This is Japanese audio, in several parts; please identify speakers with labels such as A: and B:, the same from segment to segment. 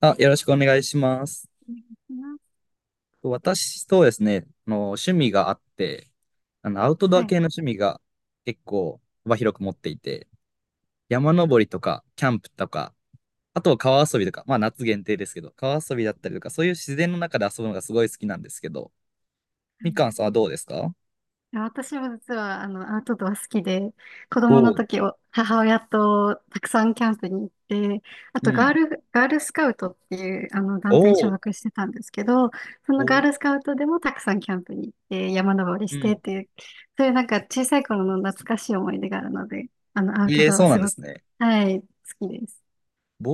A: あ、よろしくお願いします。私、そうですね、趣味があって、アウトド
B: は
A: ア
B: い。は
A: 系の
B: い、
A: 趣味が結構幅広く持っていて、山登りとか、キャンプとか、あとは川遊びとか、まあ夏限定ですけど、川遊びだったりとか、そういう自然の中で遊ぶのがすごい好きなんですけど、みかんさんはどうですか？
B: 私も実は、アウトドア好きで、子供
A: お
B: の
A: う。
B: 時を、母親とたくさんキャンプに行って、あ
A: う
B: と、
A: ん。
B: ガールスカウトっていう、団体に所
A: おう。
B: 属してたんですけど、そのガ
A: お
B: ー
A: う。
B: ルスカウトでもたくさんキャンプに行って、山登り
A: う
B: してっ
A: ん。
B: ていう、そういうなんか小さい頃の懐かしい思い出があるので、アウト
A: ええ、
B: ド
A: そ
B: ア
A: うな
B: す
A: んで
B: ご
A: す
B: く、
A: ね。
B: はい、好きです。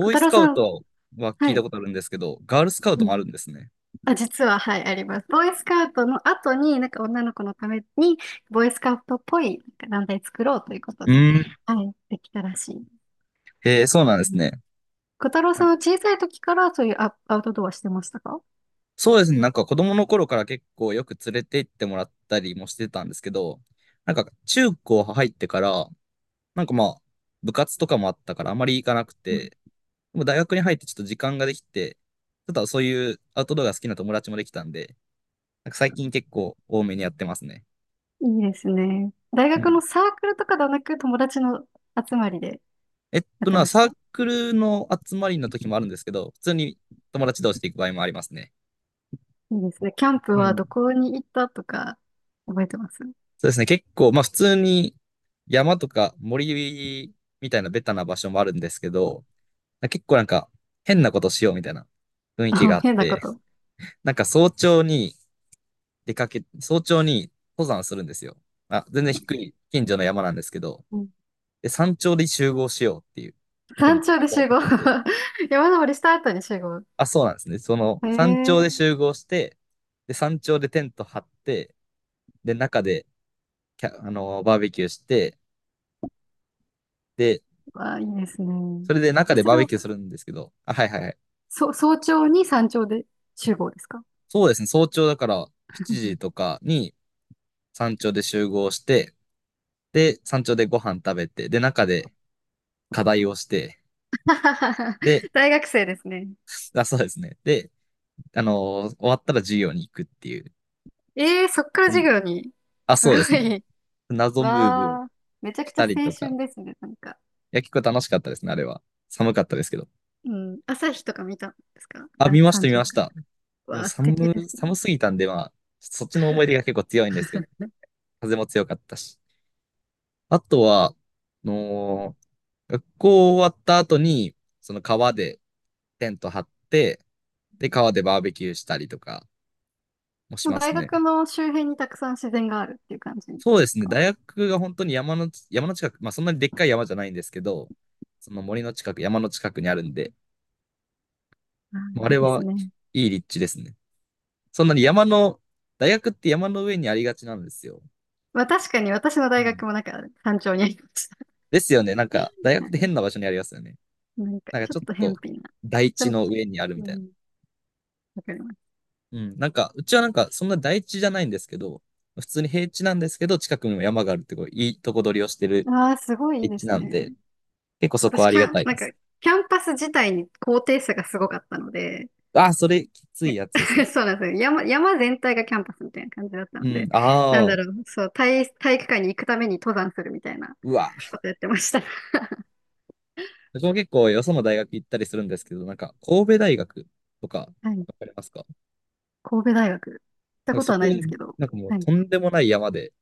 B: 小
A: ーイ
B: 太
A: ス
B: 郎
A: カウ
B: さん、
A: トは
B: は
A: 聞い
B: い。
A: たことあるんですけど、ガールスカウトもあるんですね。
B: あ、実は、はい、あります。ボーイスカウトの後に、なんか女の子のために、ボーイスカウトっぽいなんか団体作ろうということ
A: う
B: で、
A: ん。
B: はい、できたらしい。う
A: ええ、そうなんです
B: ん。
A: ね。
B: 小太郎さんは小さい時からそういうアウトドアしてましたか？
A: そうですね。なんか子供の頃から結構よく連れて行ってもらったりもしてたんですけど、なんか中高入ってから、なんかまあ部活とかもあったからあまり行かなく
B: う
A: て、でも大学に入ってちょっと時間ができて、ちょっとそういうアウトドアが好きな友達もできたんで、なんか最近結構多めにやってますね。
B: ん、いいですね。大
A: う
B: 学の
A: ん。
B: サークルとかではなく、友達の集まりで
A: えっ
B: やっ
A: と
B: て
A: な、
B: まし
A: サ
B: た。い
A: ークルの集まりの時もあるんですけど、普通に友達同士で行く場合もありますね。
B: いですね。キャンプ
A: う
B: は
A: ん。
B: どこに行ったとか、覚えてます？
A: そうですね。結構、まあ普通に山とか森みたいなベタな場所もあるんですけど、結構なんか変なことしようみたいな雰囲気が
B: あ、
A: あっ
B: 変なこ
A: て、
B: と。
A: なんか早朝に出かけ、早朝に登山するんですよ。まあ、全然低い近所の山なんですけど、
B: うん。
A: で、山頂で集合しようっていうふう
B: 山
A: に計
B: 頂で
A: 画を
B: 集合
A: 立てて、
B: 山登りした後に集合。
A: あ、そうなんですね。その
B: へ
A: 山頂で
B: え。
A: 集合して、で、山頂でテント張って、で、中でキャ、あのーバーベキューして、で、
B: わあ、いいですね。
A: それで中
B: え、
A: で
B: そ
A: バー
B: れ
A: ベ
B: を、
A: キューするんですけど、あ、はいはいはい。
B: 早朝に山頂で集合ですか？
A: そうですね、早朝だから7時と かに山頂で集合して、で、山頂でご飯食べて、で、中で課題をして、で、
B: 大学生ですね。
A: あ、そうですね。で、終わったら授業に行くっていう。
B: そっから
A: う
B: 授
A: ん、
B: 業に。
A: あ、
B: す
A: そ
B: ご
A: うですね。
B: い。
A: 謎ムーブを
B: わあ、めちゃく
A: し
B: ちゃ
A: たり
B: 青
A: と
B: 春
A: か。
B: ですね、なんか。
A: いや、結構楽しかったですね、あれは。寒かったですけど。
B: うん、朝日とか見たんですか、
A: あ、見ました、
B: 山
A: 見
B: 頂
A: まし
B: か
A: た。
B: ら？
A: も
B: わ
A: う
B: あ、素敵ですね。
A: 寒すぎたんで、まあ、そっちの思い出が結構強いんですけど、風も強かったし。あとは、のー学校終わった後に、その川でテント張って、で、川でバーベキューしたりとかもし
B: もう
A: ま
B: 大
A: すね。
B: 学の周辺にたくさん自然があるっていう感じです
A: そうですね。
B: か。
A: 大学が本当に山の近く、まあそんなにでっかい山じゃないんですけど、その森の近く、山の近くにあるんで、
B: あ
A: もうあ
B: ー、いい
A: れ
B: です
A: は
B: ね。
A: いい立地ですね。そんなに山の、大学って山の上にありがちなんですよ。
B: まあ確かに私の
A: う
B: 大
A: ん。
B: 学もなんか山頂にありました。
A: ですよね。なんか、大 学
B: は
A: って変
B: い。
A: な場所にありますよね。
B: なんか
A: なんか
B: ちょ
A: ち
B: っ
A: ょっ
B: と
A: と、
B: 偏僻な。
A: 台
B: ち
A: 地
B: ょっと、
A: の上にあるみ
B: う
A: たいな。
B: ん、わかります。
A: うん。なんか、うちはなんか、そんな大地じゃないんですけど、普通に平地なんですけど、近くにも山があるってこう、いいとこ取りをしてる
B: ああ、すごいいい
A: 立
B: で
A: 地
B: す
A: なん
B: ね。
A: で、結構そこ
B: 私、
A: はあ
B: キ
A: りが
B: ャン、
A: たい
B: なん
A: で
B: か、
A: す。
B: キャンパス自体に高低差がすごかったので、
A: ああ、それきついやつですね。
B: そうなんですよ。山全体がキャンパスみたいな感じだった
A: う
B: の
A: ん。
B: で、なん
A: あ
B: だ
A: あ、
B: ろう、そう、体育館に行くために登山するみたいな
A: うわ。
B: ことやってました。
A: 僕も結構よその大学行ったりするんですけど、なんか、神戸大学とか、わ
B: はい。
A: かりますか？
B: 神戸大学。行った
A: なん
B: こ
A: か
B: と
A: そ
B: は
A: こ、
B: ないですけど。
A: なんかもう
B: はい。
A: とんでもない山で、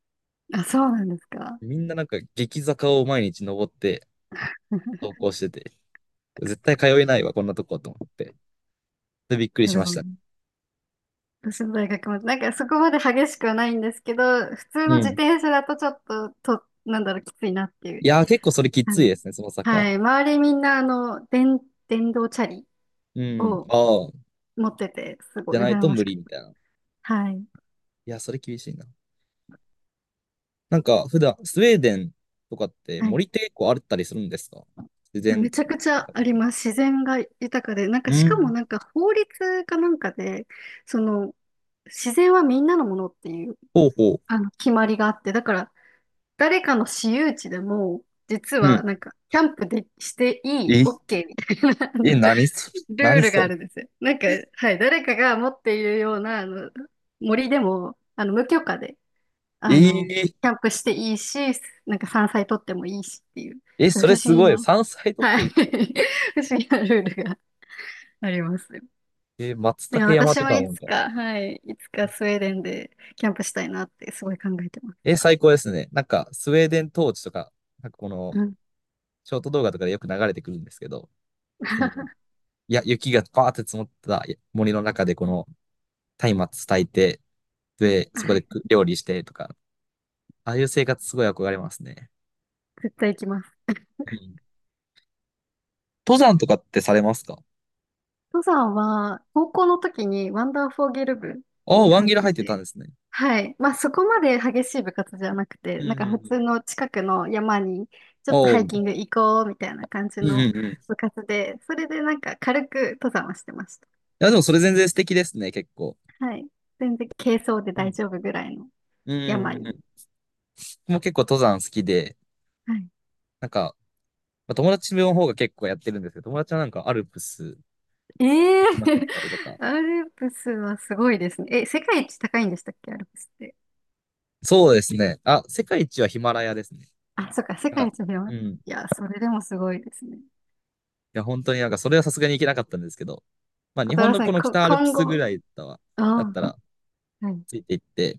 B: あ、そうなんですか。
A: みんななんか激坂を毎日登って 登校してて、絶対通えないわ、こんなとこと思って。で、びっく
B: い
A: り
B: や
A: し
B: で
A: まし
B: も、
A: た。
B: 私の大学も、なんかそこまで激しくはないんですけど、普通の
A: う
B: 自
A: ん。
B: 転車だとちょっと、なんだろう、きついなってい
A: い
B: う。
A: やー、結構それきついですね、その坂。
B: はい。周りみんな、電動チャリ
A: うん。
B: を
A: ああ、
B: 持ってて、す
A: じ
B: ご
A: ゃ
B: い
A: ない
B: 羨
A: と
B: ま
A: 無
B: しく
A: 理
B: て。
A: みたいな。い
B: はい。
A: や、それ厳しいな。なんか、普段、スウェーデンとかって
B: はい。
A: 森って結構あったりするんですか？自
B: め
A: 然
B: ちゃくちゃ
A: 豊
B: あ
A: か
B: り
A: さ。
B: ます。自然が豊かで。なんか、
A: う
B: しかも
A: ん。
B: なんか法律かなんかで、その、自然はみんなのものっていう、
A: ほうほう。
B: 決まりがあって、だから、誰かの私有地でも、実
A: うん。
B: はなんか、キャンプでしていい、
A: え、
B: OK みたいな、
A: え、何それ？
B: ルー
A: 何
B: ル
A: そ
B: があ
A: れ？
B: るんですよ。なんか、はい。誰かが持っているような、森でも、無許可で、あの、
A: えー、
B: キャンプしていいし、なんか山菜取ってもいいしっていう、
A: え、
B: 不
A: それ
B: 思
A: す
B: 議
A: ごい。
B: な、
A: 山菜とっ
B: は
A: て
B: い、
A: すごいです。
B: 不思議なルールがありますよ。
A: えー、松
B: だ
A: 茸山
B: 私
A: と
B: も
A: か
B: い
A: もみ
B: つ
A: たいな。
B: か、はい、いつかスウェーデンでキャンプしたいなってすごい考えてます。
A: えー、最高ですね。なんか、スウェーデン統治とか、なんかこの、
B: うん。
A: ショート動画とかでよく流れてくるんですけど、その、いや、雪がバーって積もった森の中でこの松明炊いて、で、そこ
B: は
A: で
B: い、
A: 料理してとか、ああいう生活すごい憧れますね。
B: 絶対行きます。
A: うん。登山とかってされますか？
B: 登山は、高校の時にワンダーフォーゲル部
A: ああ、
B: に
A: ワン
B: 入っ
A: ギル
B: て
A: 入ってたん
B: て、
A: ですね。
B: はい。まあ、そこまで激しい部活じゃなく
A: う
B: て、
A: ん
B: なん
A: うん
B: か
A: う
B: 普通
A: ん。
B: の近くの山にちょっと
A: おう。
B: ハ
A: う
B: イキ
A: ん
B: ング行こうみたいな感じ
A: う
B: の
A: んうん。い
B: 部活で、それでなんか軽く登山はしてました。
A: や、でもそれ全然素敵ですね、結構。
B: はい。全然軽装で
A: う
B: 大
A: ん。
B: 丈夫ぐらいの
A: う
B: 山
A: んうんう
B: に。
A: ん。僕も結構登山好きで、
B: はい。
A: なんか、まあ、友達の方が結構やってるんですけど、友達はなんかアルプス行
B: ええ
A: きまくっ
B: ー、
A: たりと か。
B: アルプスはすごいですね。え、世界一高いんでしたっけ、アルプスって。
A: そうですね。あ、世界一はヒマラヤですね。
B: あ、そっか、世
A: だか
B: 界
A: ら
B: 一広
A: う
B: い。
A: ん。
B: いや、それでもすごいですね。
A: や、本当になんか、それはさすがに行けなかったんですけど、まあ、
B: 小
A: 日
B: 太
A: 本
B: 郎
A: の
B: さ
A: こ
B: ん、
A: の北アルプ
B: 今
A: スぐ
B: 後、
A: らいだわ、だっ
B: あ
A: たら、
B: あ、はい。
A: ついていって、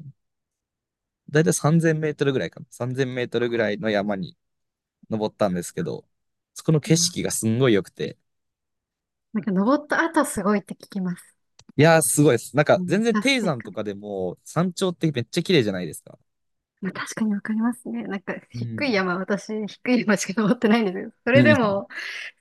A: だいたい3000メートルぐらいかな。3000メートルぐらいの山に登ったんですけど、そこの景
B: 今
A: 色がすんごい良くて、
B: なんか登った後すごいって聞きます。
A: いやー、すごいです。なんか、
B: う
A: 全
B: ん、
A: 然
B: 達
A: 低
B: 成
A: 山と
B: 感。
A: かでも、山頂ってめっちゃ綺麗じゃないですか。
B: まあ、確かにわかりますね。なんか、
A: う
B: 低
A: ん。
B: い山、私、低い山しか登ってないんですけど、そ
A: う
B: れで
A: ん。
B: も、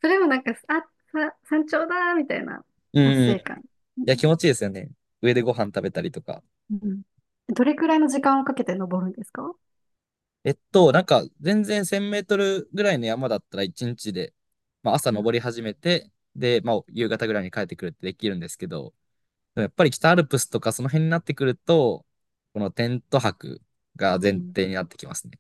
B: それもなんか、あ、山頂だ、みたいな
A: う
B: 達
A: ん。い
B: 成感。う
A: や、
B: ん。
A: 気持ちいいですよね。上でご飯食べたりとか。
B: うん、どれくらいの時間をかけて登るんですか？
A: えっと、なんか、全然1000メートルぐらいの山だったら1日で、まあ、朝登り
B: う
A: 始めて、で、まあ、夕方ぐらいに帰ってくるってできるんですけど、でもやっぱり北アルプスとかその辺になってくると、このテント泊が前
B: ん、
A: 提になってきますね。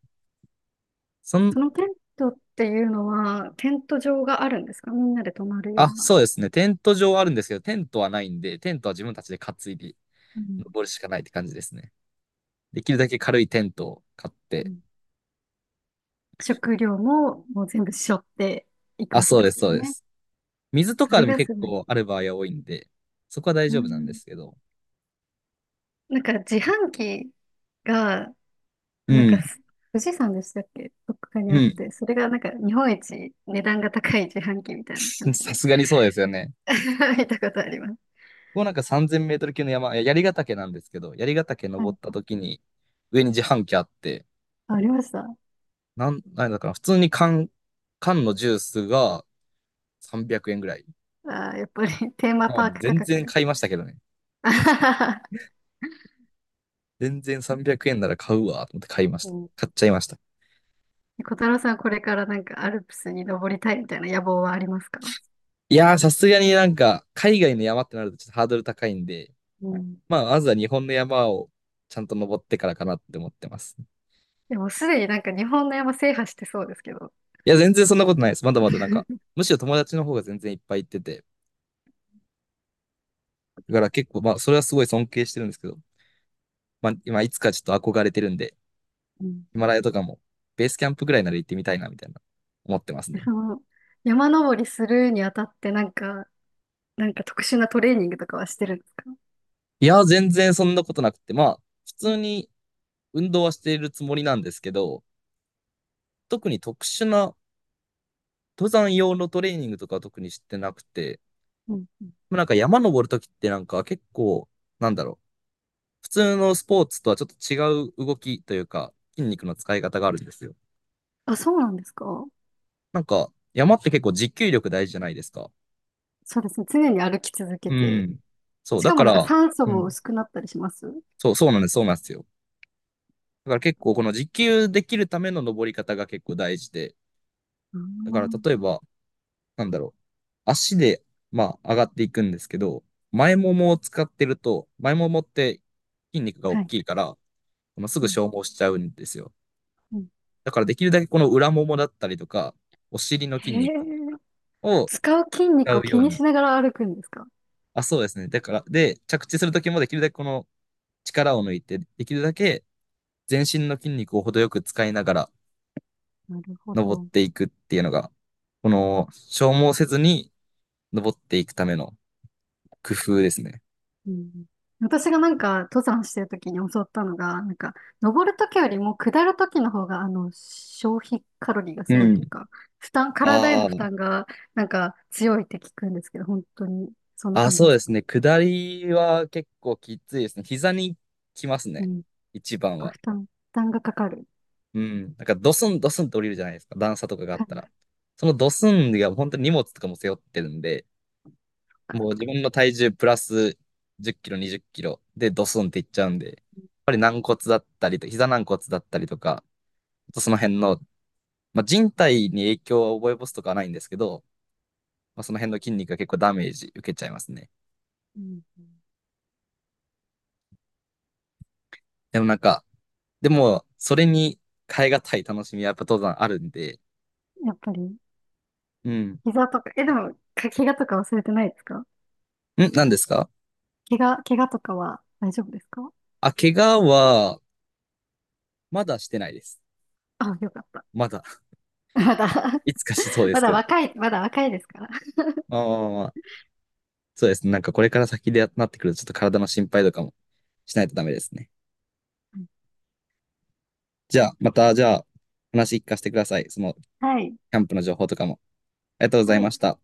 A: そん、
B: そのテントっていうのは、テント場があるんですか？みんなで泊まるよ
A: あ、
B: うな。
A: そうですね。テント場はあるんですけど、テントはないんで、テントは自分たちで担いで
B: うん
A: 登るしかないって感じですね。できるだけ軽いテントを買っ
B: う
A: て、
B: ん、食料ももう全部背負っていく
A: あ、
B: わけ
A: そう
B: で
A: です、
B: すよ
A: そうで
B: ね。
A: す。水と
B: そ
A: か
B: れ
A: でも
B: が
A: 結
B: すごい。
A: 構ある場合は多いんで、そこは大
B: う
A: 丈夫なんで
B: ん、
A: すけど、
B: なんか自販機が
A: う
B: なんか
A: ん。
B: す、富士山でしたっけ、どっかに
A: う
B: あっ
A: ん。
B: て、それがなんか日本一値段が高い自販機みたいな感 じ
A: さ
B: で
A: すがにそうですよね。
B: 見たことあります。
A: ここなんか3000メートル級の山、いや槍ヶ岳なんですけど、槍ヶ岳
B: は
A: 登っ
B: い。
A: た時に、上に自販機あって、
B: あ、ありました。あ
A: なんだかな、普通に缶のジュースが300円ぐらい。
B: ー、やっぱり テーマ
A: まあ、
B: パーク価
A: 全
B: 格
A: 然
B: が。
A: 買いましたけどね。
B: あははは、
A: 全然300円なら買うわ、と思って買いまし
B: う
A: た。
B: ん、
A: 買っちゃいました。
B: 小太郎さん、これからなんかアルプスに登りたいみたいな野望はありますか？
A: いやー、さすがになんか、海外の山ってなるとちょっとハードル高いんで、
B: うん、
A: まあ、まずは日本の山をちゃんと登ってからかなって思ってます。
B: でもすでになんか日本の山制覇してそうですけど、
A: いや、全然そんなことないです。まだまだなんか、むしろ友達の方が全然いっぱい行ってて、だから結構、まあ、それはすごい尊敬してるんですけど、まあ、今、いつかちょっと憧れてるんで、
B: うん
A: ヒマラヤとかも、ベースキャンプぐらいなら行ってみたいな、みたいな、思ってます ね。
B: その山登りするにあたってなんか、特殊なトレーニングとかはしてるんですか？
A: いや、全然そんなことなくて、まあ、普通に運動はしているつもりなんですけど、特に特殊な登山用のトレーニングとかは特にしてなくて、
B: うんうん、
A: なんか山登るときってなんか結構、なんだろう、普通のスポーツとはちょっと違う動きというか、筋肉の使い方があるんですよ。
B: あ、そうなんですか？
A: なんか、山って結構持久力大事じゃないですか。
B: そうですね。常に歩き続け
A: う
B: て。
A: ん。そう、
B: し
A: だ
B: かも
A: か
B: なんか
A: ら、
B: 酸素
A: う
B: も
A: ん。
B: 薄くなったりします？あ
A: そう、そうなんです、そうなんですよ。だから結構この持久できるための登り方が結構大事で、だから
B: ー、
A: 例えば、なんだろう、足で、まあ、上がっていくんですけど、前ももを使ってると、前ももって筋肉が大
B: はい。
A: きいから、まあ、す
B: う
A: ぐ
B: ん
A: 消耗しちゃうんですよ。
B: うん、
A: だからできるだけこの裏ももだったりとか、お尻の
B: へ
A: 筋肉とか
B: え。
A: を
B: 使う筋肉
A: 使う
B: を
A: よ
B: 気
A: う
B: にし
A: に。
B: ながら歩くんですか？
A: あ、そうですね。だから、で、着地するときもできるだけこの力を抜いて、できるだけ全身の筋肉を程よく使いながら
B: なるほ
A: 登っ
B: ど。
A: ていくっていうのが、この消耗せずに登っていくための工夫ですね。
B: うん。私がなんか登山してる時に教わったのが、なんか登る時よりも下る時の方が消費カロリーが
A: う
B: すごいという
A: ん。
B: か、負担、体への
A: あ
B: 負
A: ー
B: 担がなんか強いって聞くんですけど、本当にそんな
A: あ、
B: 感じ
A: そ
B: で
A: う
B: す
A: で
B: か？
A: すね。下りは結構きついですね。膝にきます
B: う
A: ね。
B: ん。
A: 一番
B: あ、
A: は。
B: 負担がかかる。
A: うん。なんかドスンドスンと降りるじゃないですか。段差とかがあっ
B: は
A: た
B: い、
A: ら。そのドスンが本当に荷物とかも背負ってるんで、もう自分の体重プラス10キロ、20キロでドスンっていっちゃうんで、やっぱり軟骨だったりと、膝軟骨だったりとか、とその辺の、まあ、人体に影響を及ぼすとかはないんですけど、まあ、その辺の筋肉が結構ダメージ受けちゃいますね。
B: うん。
A: でもなんか、でも、それに変えがたい楽しみはやっぱ登山あるんで、
B: やっぱり。
A: うん。ん
B: 膝とか、え、でも、怪我とか忘れてないですか？
A: 何ですか？
B: 怪我とかは大丈夫ですか？
A: あ、怪我は、まだしてないです。
B: あ、よかった。
A: まだ。
B: まだ
A: いつかしそうで
B: ま
A: す
B: だ
A: けど。
B: 若い、まだ若いですから。
A: まあまあまあそうですね。なんかこれから先でなってくると、ちょっと体の心配とかもしないとダメですね。じゃあ、また、じゃあ、話聞かせてください。その、キ
B: はい。
A: ャンプの情報とかも。ありがとうござ
B: は
A: いま
B: い。
A: した。